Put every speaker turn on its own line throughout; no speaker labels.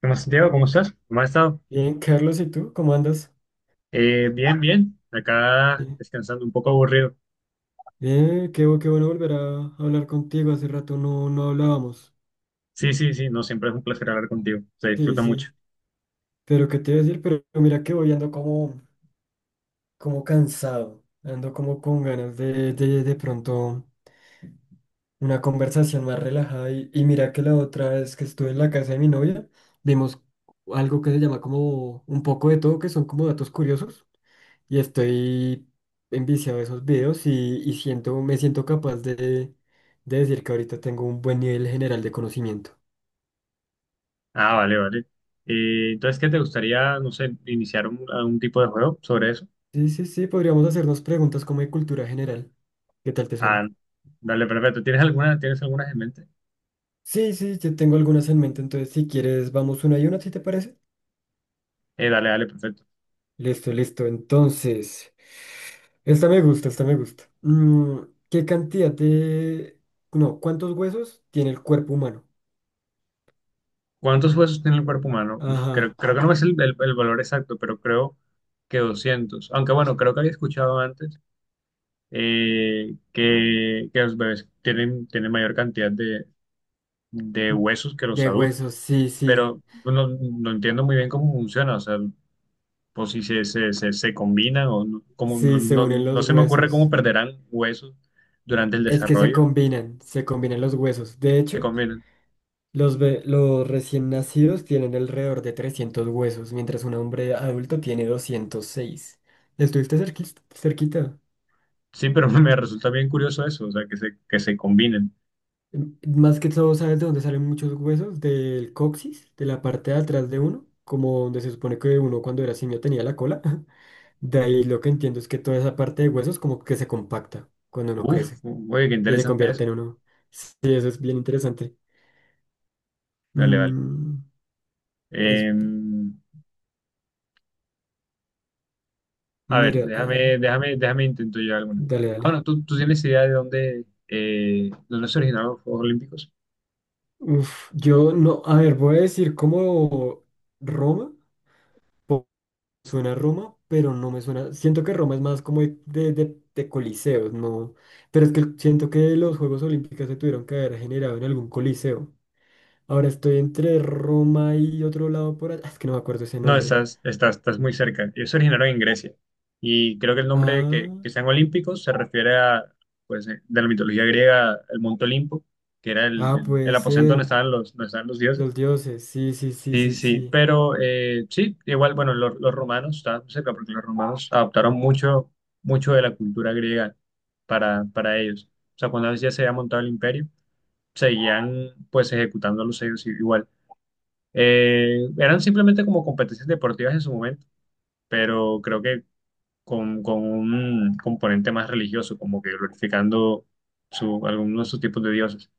¿Qué más, Santiago? ¿Cómo estás? ¿Cómo has estado?
Bien, Carlos, ¿y tú? ¿Cómo andas?
Bien, bien. Acá
Bien,
descansando, un poco aburrido.
bien, qué bueno volver a hablar contigo. Hace rato no, no hablábamos.
Sí, sí, sí. No, siempre es un placer hablar contigo. Se
Sí,
disfruta mucho.
sí. Pero qué te iba a decir, pero mira que voy ando como cansado. Ando como con ganas de pronto una conversación más relajada. Y mira que la otra vez que estuve en la casa de mi novia, vimos algo que se llama como un poco de todo, que son como datos curiosos. Y estoy enviciado de esos videos me siento capaz de decir que ahorita tengo un buen nivel general de conocimiento.
Ah, vale, vale. Entonces, ¿qué te gustaría, no sé, iniciar algún tipo de juego sobre eso?
Sí, sí, sí, podríamos hacernos preguntas como de cultura general. ¿Qué tal te suena?
Ah, dale, perfecto. ¿Tienes algunas en mente?
Sí, sí, yo tengo algunas en mente, entonces si quieres vamos una y una, ¿si te parece?
Dale, dale, perfecto.
Listo, listo. Entonces, esta me gusta, esta me gusta. ¿Qué cantidad de? No, ¿cuántos huesos tiene el cuerpo humano?
¿Cuántos huesos tiene el cuerpo humano? Uf,
Ajá.
creo que no es el valor exacto, pero creo que 200. Aunque bueno, creo que había escuchado antes, que los bebés tienen mayor cantidad de huesos que los
De
adultos,
huesos, sí, sí.
pero no entiendo muy bien cómo funciona, o sea, por si se combinan o no,
Sí, se unen
no
los
se me ocurre cómo
huesos.
perderán huesos durante el
Es que
desarrollo,
se combinan los huesos. De
se
hecho,
combinan.
los recién nacidos tienen alrededor de 300 huesos, mientras un hombre adulto tiene 206. ¿Estuviste cerquita?
Sí, pero me resulta bien curioso eso, o sea, que se combinen.
M- Más que todo, ¿sabes de dónde salen muchos huesos? Del coxis, de la parte de atrás de uno, como donde se supone que uno cuando era simio tenía la cola. De ahí lo que entiendo es que toda esa parte de huesos como que se compacta cuando uno
Uf,
crece
oye, qué
y se
interesante eso.
convierte en uno. Sí, eso es bien interesante.
Vale, vale.
Mm, es,
Eh, a ver,
mira, ah,
déjame intento yo alguna.
dale, dale.
Bueno, tú tienes idea de dónde se originaron los Juegos Olímpicos?
Uf, yo no, a ver, voy a decir como Roma, po- suena a Roma, pero no me suena, siento que Roma es más como de coliseos, no, pero es que siento que los Juegos Olímpicos se tuvieron que haber generado en algún coliseo. Ahora estoy entre Roma y otro lado por allá, es que no me acuerdo ese
No,
nombre.
estás muy cerca. Ellos se originaron en Grecia, y creo que el nombre
Ah,
que sean olímpicos se refiere a, pues, de la mitología griega, el Monte Olimpo, que era
ah,
el
puede
aposento donde
ser,
estaban los dioses.
los dioses, sí, sí, sí,
Sí,
sí,
sí, sí.
sí,
Pero sí, igual, bueno, los romanos estaban cerca porque los romanos adoptaron mucho de la cultura griega para ellos. O sea, cuando ya se había montado el imperio, seguían pues ejecutando los ellos igual. Eran simplemente como competencias deportivas en su momento, pero creo que con un componente más religioso, como que glorificando algunos de sus tipos de dioses.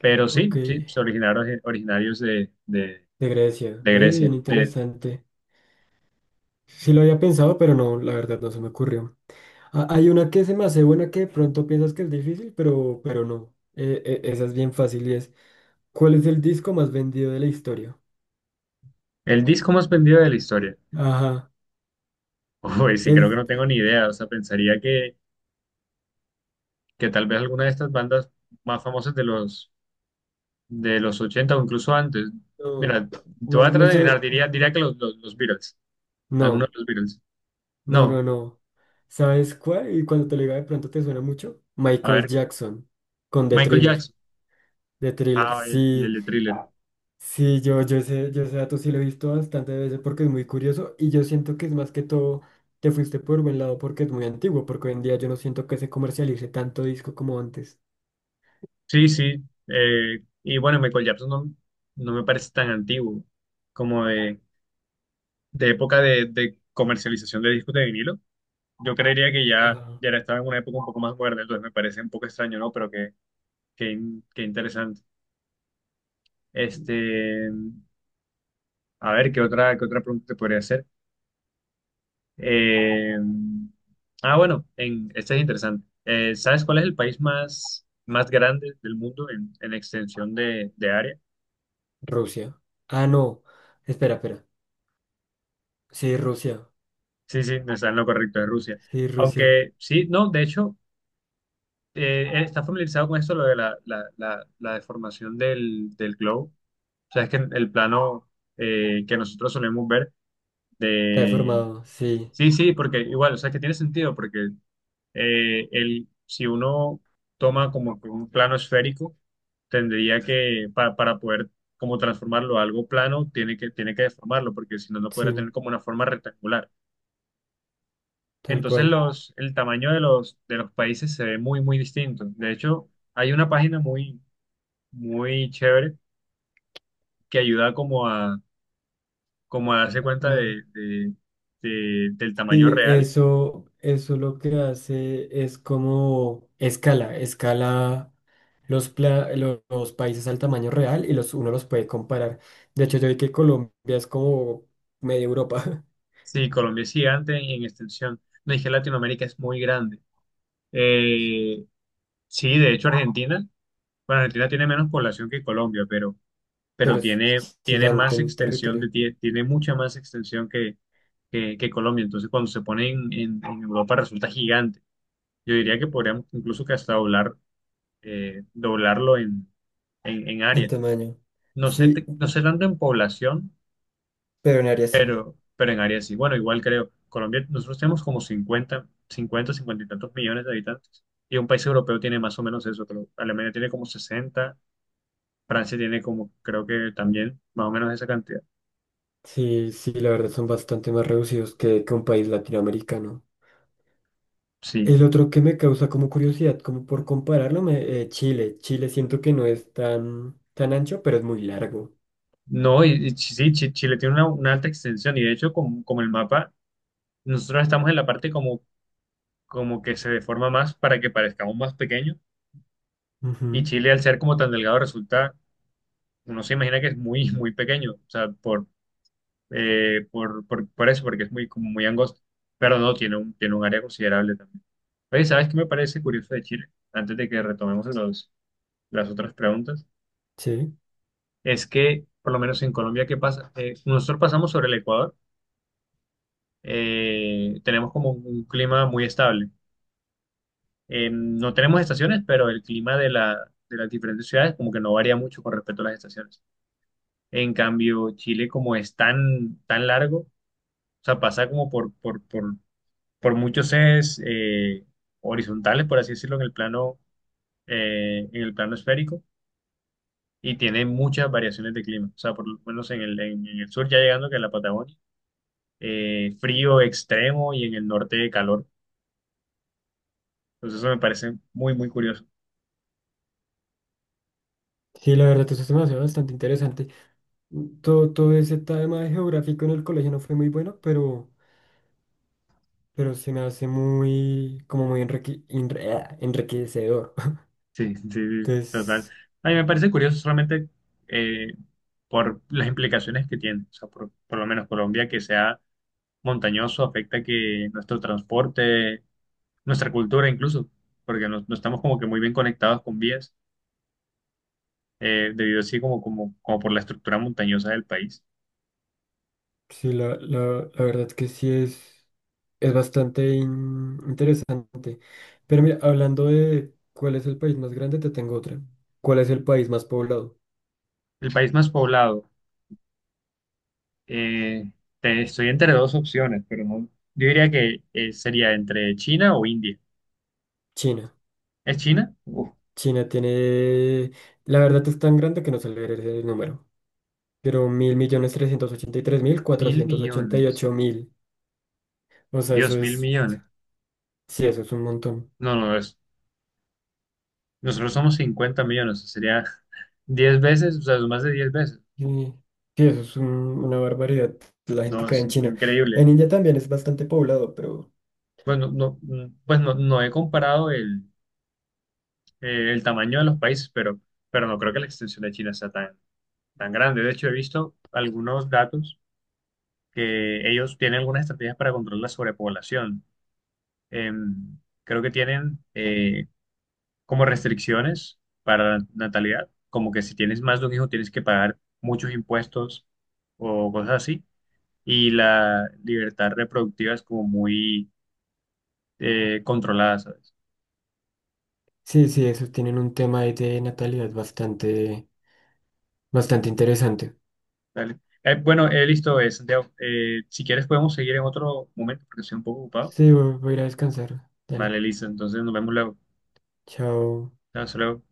Pero
ok.
sí, sí, se originaron originarios
De Grecia.
de
Ve,
Grecia.
bien
De-
interesante. Sí lo había pensado, pero no, la verdad no se me ocurrió. Ah, hay una que se me hace buena que de pronto piensas que es difícil, pero no. Esa es bien fácil y es, ¿cuál es el disco más vendido de la historia?
el disco más vendido de la historia.
Ajá.
Uy, sí,
Es,
creo que no tengo ni idea. O sea, pensaría que tal vez alguna de estas bandas más famosas de de los 80 o incluso antes.
no,
Mira, te voy a
bueno,
tratar
no
de adivinar,
sé.
diría que los Beatles, algunos
No,
de los Beatles.
no,
No,
no, no. ¿Sabes cuál? Y cuando te lo diga de pronto te suena mucho.
a
Michael
ver,
Jackson, con The
Michael
Thriller.
Jackson.
The Thriller,
Ah,
sí.
el de Thriller.
Sí, yo ese dato sí lo he visto bastante veces porque es muy curioso y yo siento que es más que todo, te fuiste por buen lado porque es muy antiguo, porque hoy en día yo no siento que se comercialice tanto disco como antes.
Sí, sí. Y bueno, Michael Jackson no me parece tan antiguo como de época de comercialización de discos de vinilo. Yo creería que
Ah,
ya estaba en una época un poco más moderna, entonces me parece un poco extraño, ¿no? Pero qué interesante. Este, a ver, qué otra pregunta te podría hacer? Eh, bueno, esta es interesante. ¿Sabes cuál es el país más grande del mundo en extensión de área?
Rusia. Ah, no. Espera, espera. Sí, Rusia.
Sí, sí, no está en lo correcto de Rusia.
Sí, Rusia.
Aunque sí, no, de hecho, está familiarizado con esto, lo de la deformación del globo. O sea, es que el plano, que nosotros solemos ver
Está
de.
deformado. Sí,
Sí, sí, porque igual, o sea, que tiene sentido, porque, si uno toma como que un plano esférico, tendría que, para poder como transformarlo a algo plano, tiene que deformarlo, porque si no, no podría
sí,
tener como una forma rectangular.
tal
Entonces
cual.
el tamaño de de los países se ve muy, muy distinto. De hecho, hay una página muy, muy chévere que ayuda como a darse cuenta del tamaño
Sí,
real.
eso lo que hace es como escala los países al tamaño real y uno los puede comparar. De hecho, yo vi que Colombia es como media Europa,
Sí, Colombia es gigante en extensión. No dije Latinoamérica es muy grande. Eh, sí, de hecho Argentina, bueno, Argentina tiene menos población que Colombia, pero
pero es
tiene
gigante
más
en
extensión
territorio,
tiene mucha más extensión que Colombia. Entonces cuando se pone en Europa resulta gigante. Yo diría que podríamos incluso que hasta doblarlo en
en
área.
tamaño. Sí,
No sé tanto en población,
pero en área sí.
pero en área sí. Bueno, igual creo, Colombia, nosotros tenemos como 50 y tantos millones de habitantes. Y un país europeo tiene más o menos eso, creo. Alemania tiene como 60. Francia tiene creo que también, más o menos esa cantidad.
Sí, sí, la verdad son bastante más reducidos que un país latinoamericano.
Sí.
El otro que me causa como curiosidad, como por compararlo, Chile. Chile siento que no es tan, tan ancho, pero es muy largo.
No, sí, sí, Chile tiene una alta extensión. Y de hecho, como el mapa, nosotros estamos en la parte como que se deforma más para que parezcamos más pequeños. Y
Ujú.
Chile, al ser como tan delgado, resulta, uno se imagina que es muy, muy pequeño, o sea, por eso, porque es muy, como muy angosto, pero no, tiene un área considerable también. Oye, ¿sabes qué me parece curioso de Chile? Antes de que retomemos las otras preguntas,
Sí,
es que, por lo menos en Colombia, ¿qué pasa? Nosotros pasamos sobre el Ecuador, tenemos como un clima muy estable. No tenemos estaciones, pero el clima de de las diferentes ciudades como que no varía mucho con respecto a las estaciones. En cambio, Chile, como es tan, tan largo, o sea, pasa como por muchos ejes, horizontales, por así decirlo, en el plano esférico, y tiene muchas variaciones de clima. O sea, por lo menos en el sur, ya llegando que a la Patagonia, frío extremo y en el norte calor. Entonces, eso me parece muy, muy curioso.
sí, la verdad, eso se me hace bastante interesante. Todo, todo ese tema de geográfico en el colegio no fue muy bueno, pero se me hace muy enriquecedor.
Sí, sí, sí, total.
Entonces,
A mí me parece curioso solamente, eh, por las implicaciones que tiene. O sea, por lo menos Colombia, que sea montañoso afecta que nuestro transporte, nuestra cultura incluso, porque no estamos como que muy bien conectados con vías, debido así como por la estructura montañosa del país.
sí, la verdad que sí es bastante interesante. Pero mira, hablando de cuál es el país más grande, te tengo otra. ¿Cuál es el país más poblado?
El país más poblado, eh, estoy entre dos opciones, pero no, yo diría que sería entre China o India.
China.
¿Es China? Uf,
China tiene, la verdad es tan grande que no se le merece el número, pero mil millones trescientos ochenta y tres mil
mil
cuatrocientos ochenta y
millones.
ocho mil. O sea, eso
Dios, mil
es,
millones.
sí, eso es un montón.
No, no, nosotros somos 50 millones, o sea, sería 10 veces, o sea, más de 10 veces.
Y- Sí, eso es una barbaridad. La
No,
gente
es
cae en China.
increíble.
En India también es bastante poblado, pero...
Bueno, no, pues no he comparado el tamaño de los países, pero no creo que la extensión de China sea tan, tan grande. De hecho, he visto algunos datos que ellos tienen algunas estrategias para controlar la sobrepoblación. Em, creo que tienen como restricciones para la natalidad, como que si tienes más de un hijo tienes que pagar muchos impuestos o cosas así, y la libertad reproductiva es como muy, controlada, ¿sabes?
Sí, sí, esos tienen un tema ahí de natalidad bastante, bastante interesante.
Dale. Bueno, listo, Santiago. Si quieres podemos seguir en otro momento porque estoy un poco ocupado.
Sí, voy a ir a descansar. Dale,
Vale, listo. Entonces nos vemos luego.
chao.
Hasta luego.